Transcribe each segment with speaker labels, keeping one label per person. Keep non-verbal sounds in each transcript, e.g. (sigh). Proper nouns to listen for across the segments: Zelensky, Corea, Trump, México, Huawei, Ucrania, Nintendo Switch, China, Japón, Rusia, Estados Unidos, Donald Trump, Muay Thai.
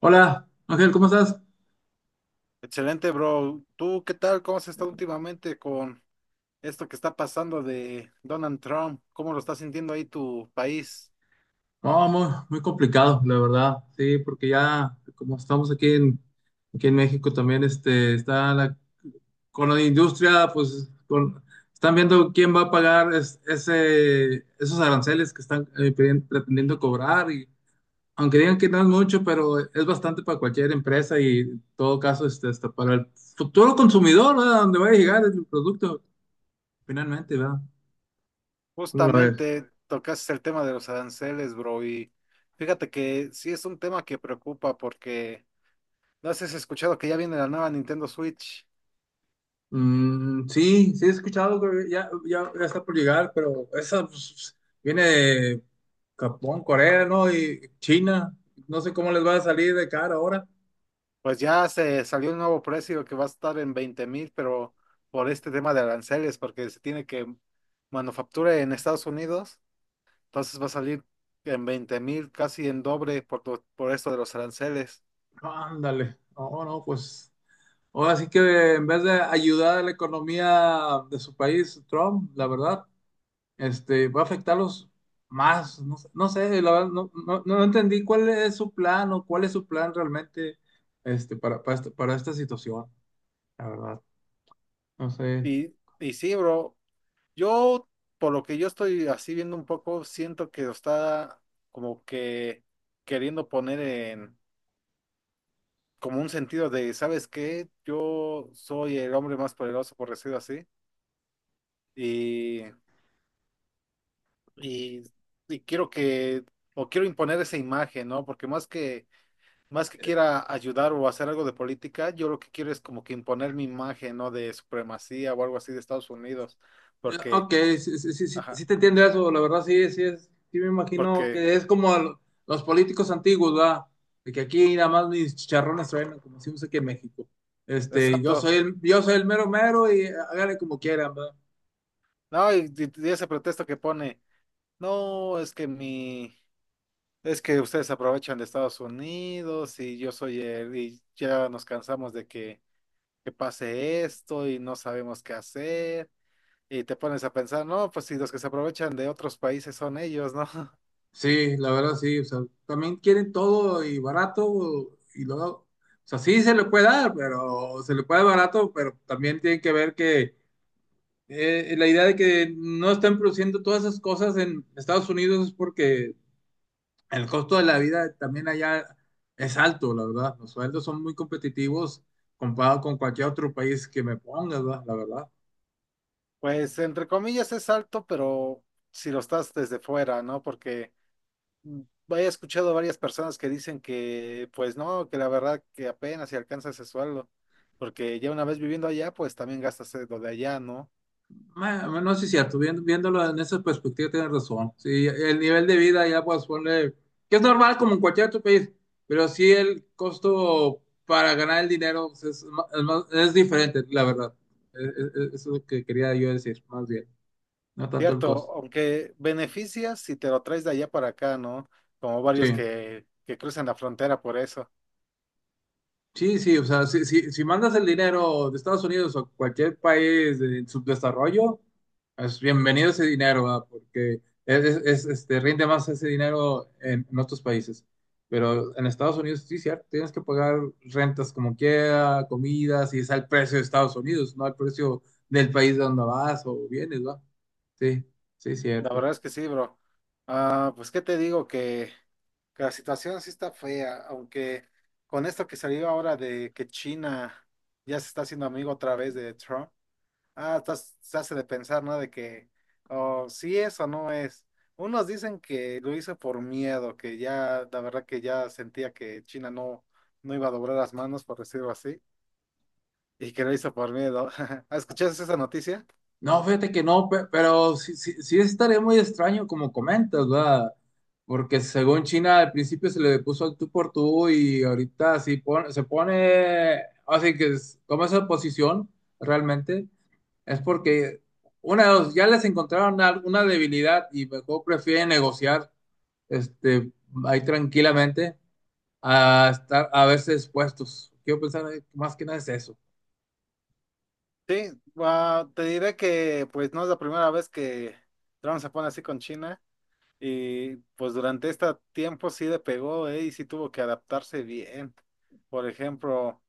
Speaker 1: Hola, Ángel, ¿cómo estás?
Speaker 2: Excelente, bro. ¿Tú qué tal? ¿Cómo has estado últimamente con esto que está pasando de Donald Trump? ¿Cómo lo está sintiendo ahí tu país?
Speaker 1: No, muy complicado, la verdad, sí, porque ya, como estamos aquí en México también, está la, con la industria, pues, con, están viendo quién va a pagar ese, esos aranceles que están pretendiendo cobrar, y aunque digan que no es mucho, pero es bastante para cualquier empresa y en todo caso, hasta para el futuro consumidor, ¿verdad? Donde va a llegar el producto, finalmente, ¿verdad? ¿Cómo la ves?
Speaker 2: Justamente tocaste el tema de los aranceles, bro, y fíjate que sí es un tema que preocupa porque no sé si has escuchado que ya viene la nueva Nintendo Switch.
Speaker 1: Mm, sí, sí he escuchado, creo que ya está por llegar, pero esa pues, viene de Japón, Corea, ¿no? Y China. No sé cómo les va a salir de cara ahora.
Speaker 2: Pues ya se salió un nuevo precio que va a estar en 20,000, pero por este tema de aranceles, porque se tiene que manufactura en Estados Unidos. Entonces va a salir en 20,000, casi en doble por, por esto de los aranceles.
Speaker 1: Ándale. No, no, pues. Ahora sí que en vez de ayudar a la economía de su país, Trump, la verdad, va a afectarlos más. No sé, la verdad, no entendí cuál es su plan o cuál es su plan realmente para, para esta situación, la verdad. No sé.
Speaker 2: Y, y sí, bro, yo, por lo que yo estoy así viendo un poco, siento que lo está como que queriendo poner en como un sentido de, ¿sabes qué? Yo soy el hombre más poderoso, por decirlo así, y, y, y quiero que, o quiero imponer esa imagen, ¿no? Porque más que quiera ayudar o hacer algo de política, yo lo que quiero es como que imponer mi imagen, ¿no? De supremacía o algo así de Estados Unidos,
Speaker 1: Ya,
Speaker 2: porque,
Speaker 1: ok, sí, sí, sí, sí,
Speaker 2: ajá,
Speaker 1: sí te entiendo eso, la verdad sí, sí es, sí me imagino
Speaker 2: porque,
Speaker 1: que es como los políticos antiguos, ¿verdad? De que aquí nada más mis chicharrones suenan, como decimos aquí en México.
Speaker 2: exacto,
Speaker 1: Yo soy el mero mero y hágale como quieran, ¿verdad?
Speaker 2: no, y ese pretexto que pone, no, es que mi, es que ustedes aprovechan de Estados Unidos y yo soy el, y ya nos cansamos de que pase esto y no sabemos qué hacer. Y te pones a pensar, no, pues si los que se aprovechan de otros países son ellos, ¿no?
Speaker 1: Sí, la verdad sí, o sea, también quieren todo y barato y luego, o sea, sí se le puede dar, pero se le puede dar barato, pero también tienen que ver que la idea de que no están produciendo todas esas cosas en Estados Unidos es porque el costo de la vida también allá es alto, la verdad. Los sueldos son muy competitivos comparado con cualquier otro país que me ponga, ¿verdad?, la verdad.
Speaker 2: Pues entre comillas es alto, pero si lo estás desde fuera, ¿no? Porque mm, he escuchado varias personas que dicen que, pues no, que la verdad que apenas si alcanza ese sueldo, porque ya una vez viviendo allá, pues también gastas lo de allá, ¿no?
Speaker 1: Bueno, no, sí es cierto, viéndolo en esa perspectiva tienes razón. Sí, el nivel de vida allá pues ponle, que es normal como en cualquier otro país, pero sí el costo para ganar el dinero pues, es, es diferente, la verdad. Eso es lo que quería yo decir, más bien, no tanto el
Speaker 2: Cierto,
Speaker 1: costo.
Speaker 2: aunque beneficias si te lo traes de allá para acá, ¿no? Como varios
Speaker 1: Sí.
Speaker 2: que cruzan la frontera por eso.
Speaker 1: Sí, sí, o sea, si mandas el dinero de Estados Unidos o cualquier país en subdesarrollo, es bienvenido ese dinero, ¿verdad? Porque es, es, rinde más ese dinero en otros países. Pero en Estados Unidos, sí, cierto, tienes que pagar rentas como quiera, comidas, y es al precio de Estados Unidos, no al precio del país de donde vas o vienes, ¿verdad? Sí, sí,
Speaker 2: La
Speaker 1: cierto.
Speaker 2: verdad es que sí, bro. Ah, pues qué te digo que la situación sí está fea, aunque con esto que salió ahora de que China ya se está haciendo amigo otra vez de Trump, se hace de pensar, ¿no? De que, oh, sí es o no es. Unos dicen que lo hizo por miedo, que ya, la verdad que ya sentía que China no, no iba a doblar las manos, por decirlo así, y que lo hizo por miedo. (laughs) ¿Escuchaste esa noticia?
Speaker 1: No, fíjate que no, pero sí, sí estaría muy extraño como comentas, ¿verdad? Porque según China al principio se le puso al tú por tú y ahorita sí se pone, así que toma esa posición realmente, es porque una de dos, ya les encontraron alguna debilidad y mejor prefieren negociar este, ahí tranquilamente a estar a verse expuestos. Quiero pensar más que nada es eso.
Speaker 2: Sí, ah, te diré que pues no es la primera vez que Trump se pone así con China. Y pues durante este tiempo sí le pegó, ¿eh? Y sí tuvo que adaptarse bien. Por ejemplo,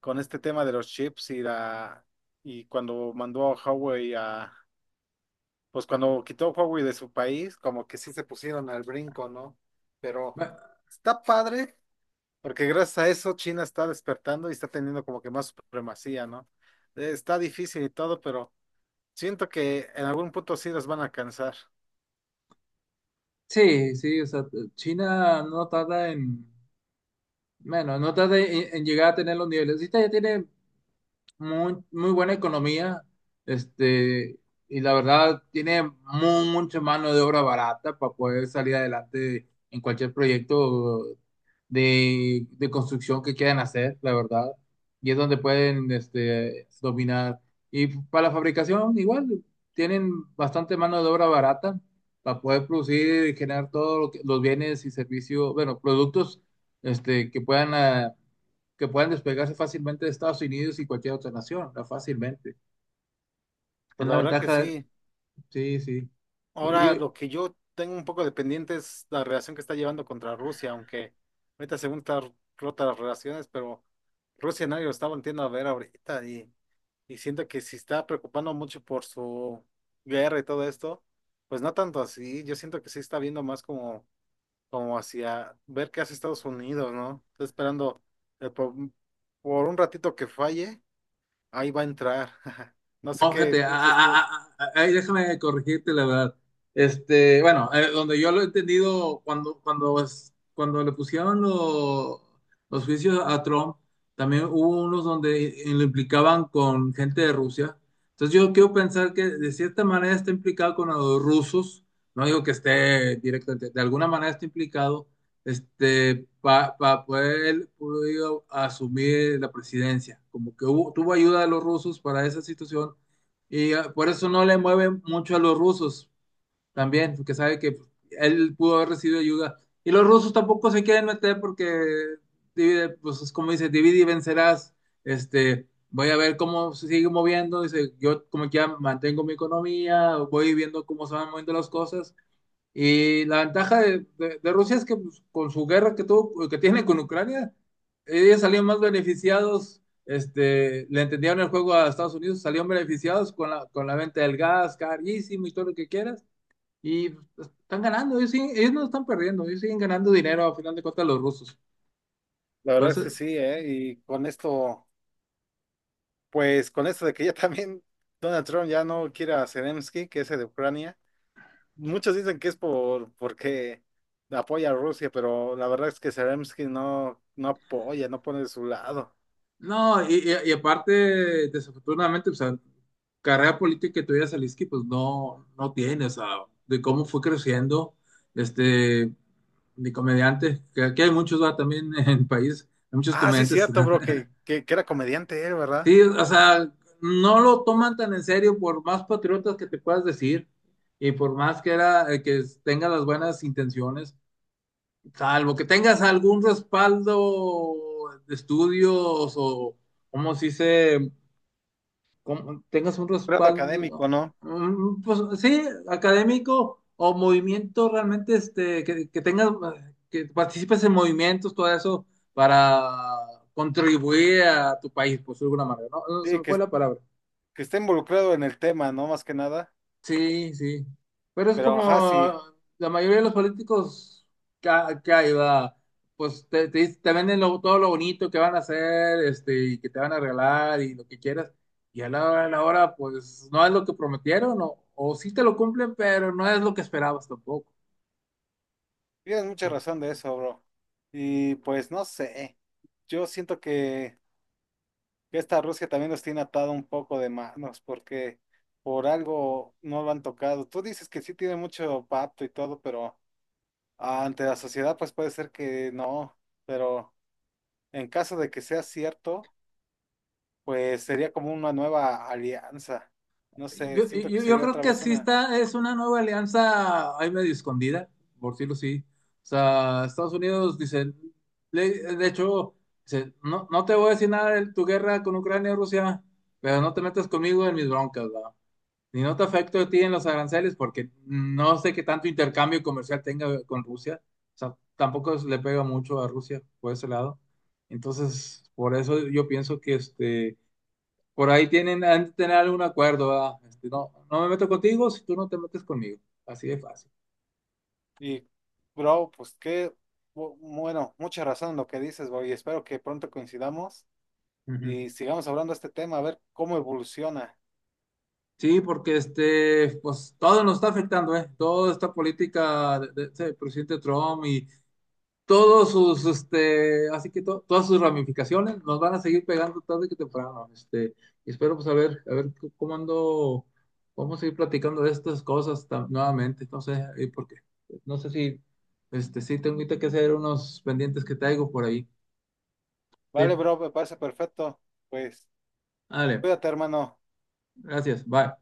Speaker 2: con este tema de los chips y cuando mandó a pues cuando quitó a Huawei de su país, como que sí se pusieron al brinco, ¿no? Pero
Speaker 1: Ma-
Speaker 2: está padre, porque gracias a eso China está despertando y está teniendo como que más supremacía, ¿no? Está difícil y todo, pero siento que en algún punto sí los van a cansar.
Speaker 1: Sí, sí, o sea, China no tarda en... Bueno, no tarde en llegar a tener los niveles. Si usted ya tiene muy buena economía, este, y la verdad tiene mucha mano de obra barata para poder salir adelante en cualquier proyecto de construcción que quieran hacer, la verdad. Y es donde pueden, dominar. Y para la fabricación, igual, tienen bastante mano de obra barata para poder producir y generar todos los bienes y servicios, bueno, productos, que puedan... que puedan despegarse fácilmente de Estados Unidos y cualquier otra nación, ¿no?, fácilmente. Es
Speaker 2: Pues
Speaker 1: la
Speaker 2: la verdad que
Speaker 1: ventaja,
Speaker 2: sí.
Speaker 1: sí, sí. Y,
Speaker 2: Ahora, lo que yo tengo un poco de pendiente es la relación que está llevando contra Rusia, aunque ahorita según está rota las relaciones, pero Rusia nadie lo está volviendo a ver ahorita y siento que si está preocupando mucho por su guerra y todo esto, pues no tanto así, yo siento que sí está viendo más como, como hacia ver qué hace Estados Unidos, ¿no? Está esperando eh, por, mm, por un ratito que falle, ahí va a entrar. (laughs) No sé
Speaker 1: no,
Speaker 2: qué
Speaker 1: fíjate,
Speaker 2: piensas tú.
Speaker 1: ahí déjame corregirte la verdad. Bueno, donde yo lo he entendido, cuando le pusieron los juicios a Trump, también hubo unos donde lo implicaban con gente de Rusia. Entonces yo quiero pensar que de cierta manera está implicado con los rusos, no digo que esté directamente, de alguna manera está implicado, para poder él pudo asumir la presidencia. Como que hubo, tuvo ayuda de los rusos para esa situación y por eso no le mueve mucho a los rusos también, porque sabe que él pudo haber recibido ayuda. Y los rusos tampoco se quieren meter porque, divide, pues es como dice, divide y vencerás. Voy a ver cómo se sigue moviendo. Dice, yo como que ya mantengo mi economía, voy viendo cómo se van moviendo las cosas. Y la ventaja de Rusia es que pues, con su guerra que tuvo, que tiene con Ucrania, ellos salían más beneficiados, le entendieron el juego a Estados Unidos, salieron beneficiados con la venta del gas, carísimo y todo lo que quieras, y pues, están ganando, ellos, ellos no están perdiendo, ellos siguen ganando dinero a final de cuentas los rusos.
Speaker 2: La verdad
Speaker 1: Pues,
Speaker 2: es que sí, ¿eh? Y con esto... Pues con esto de que ya (laughs) también Donald Trump ya no quiere a Zelensky, que es el de Ucrania, muchos dicen que es porque apoya a Rusia, pero la verdad es que Zelensky no, no apoya, no pone de su lado.
Speaker 1: no, y aparte, desafortunadamente, o sea, carrera política que tuviera Zelensky, pues no, no tiene, o sea, de cómo fue creciendo, este, de comediante que aquí hay muchos, va, también (laughs) en el país, hay muchos
Speaker 2: Ah, sí,
Speaker 1: comediantes,
Speaker 2: cierto, bro, que era comediante él,
Speaker 1: (laughs)
Speaker 2: ¿verdad?
Speaker 1: sí, o sea, no lo toman tan en serio por más patriotas que te puedas decir y por más que era, que tenga las buenas intenciones, salvo que tengas algún respaldo de estudios o, como se dice? Como tengas un
Speaker 2: Grado
Speaker 1: respaldo,
Speaker 2: académico, ¿no?
Speaker 1: mm, pues sí, académico o movimiento realmente, que tengas, que participes en movimientos, todo eso, para contribuir a tu país, por de alguna manera, ¿no? No, se
Speaker 2: Sí,
Speaker 1: me fue
Speaker 2: que,
Speaker 1: la palabra.
Speaker 2: que está involucrado en el tema, ¿no? Más que nada.
Speaker 1: Sí, sí. Pero es
Speaker 2: Pero ajá, sí,
Speaker 1: como la mayoría de los políticos que, que hay, va, pues te venden todo lo bonito que van a hacer, y que te van a regalar y lo que quieras. Y a la hora, pues no es lo que prometieron, o sí te lo cumplen, pero no es lo que esperabas tampoco.
Speaker 2: tienes mucha razón de eso, bro. Y pues no sé, yo siento que esta Rusia también nos tiene atado un poco de manos, porque por algo no lo han tocado. Tú dices que sí tiene mucho pacto y todo, pero ante la sociedad pues puede ser que no, pero en caso de que sea cierto, pues sería como una nueva alianza. No sé, siento que
Speaker 1: Yo
Speaker 2: sería
Speaker 1: creo
Speaker 2: otra
Speaker 1: que
Speaker 2: vez
Speaker 1: sí
Speaker 2: una...
Speaker 1: está, es una nueva alianza ahí medio escondida, por decirlo así. O sea, Estados Unidos dice, de hecho, dice, no, no te voy a decir nada de tu guerra con Ucrania y Rusia, pero no te metas conmigo en mis broncas, ¿va? Ni no te afecto a ti en los aranceles porque no sé qué tanto intercambio comercial tenga con Rusia. O sea, tampoco le pega mucho a Rusia por ese lado. Entonces, por eso yo pienso que este por ahí tienen, han de tener algún acuerdo, ¿verdad? No, no me meto contigo si tú no te metes conmigo. Así de fácil.
Speaker 2: Y, bro, pues qué... Bueno, mucha razón en lo que dices, bro, y espero que pronto coincidamos
Speaker 1: Ujú.
Speaker 2: y sigamos hablando de este tema, a ver cómo evoluciona.
Speaker 1: Sí, porque pues todo nos está afectando, ¿eh? Toda esta política del presidente Trump y todos sus, así que todas sus ramificaciones nos van a seguir pegando tarde que temprano. Y espero pues a ver cómo ando, vamos a seguir platicando de estas cosas nuevamente. No sé, ¿y por qué? No sé si, sí tengo ahorita que hacer unos pendientes que traigo por ahí.
Speaker 2: Vale,
Speaker 1: Sí,
Speaker 2: bro, me parece perfecto. Pues
Speaker 1: dale,
Speaker 2: cuídate, hermano.
Speaker 1: gracias, bye.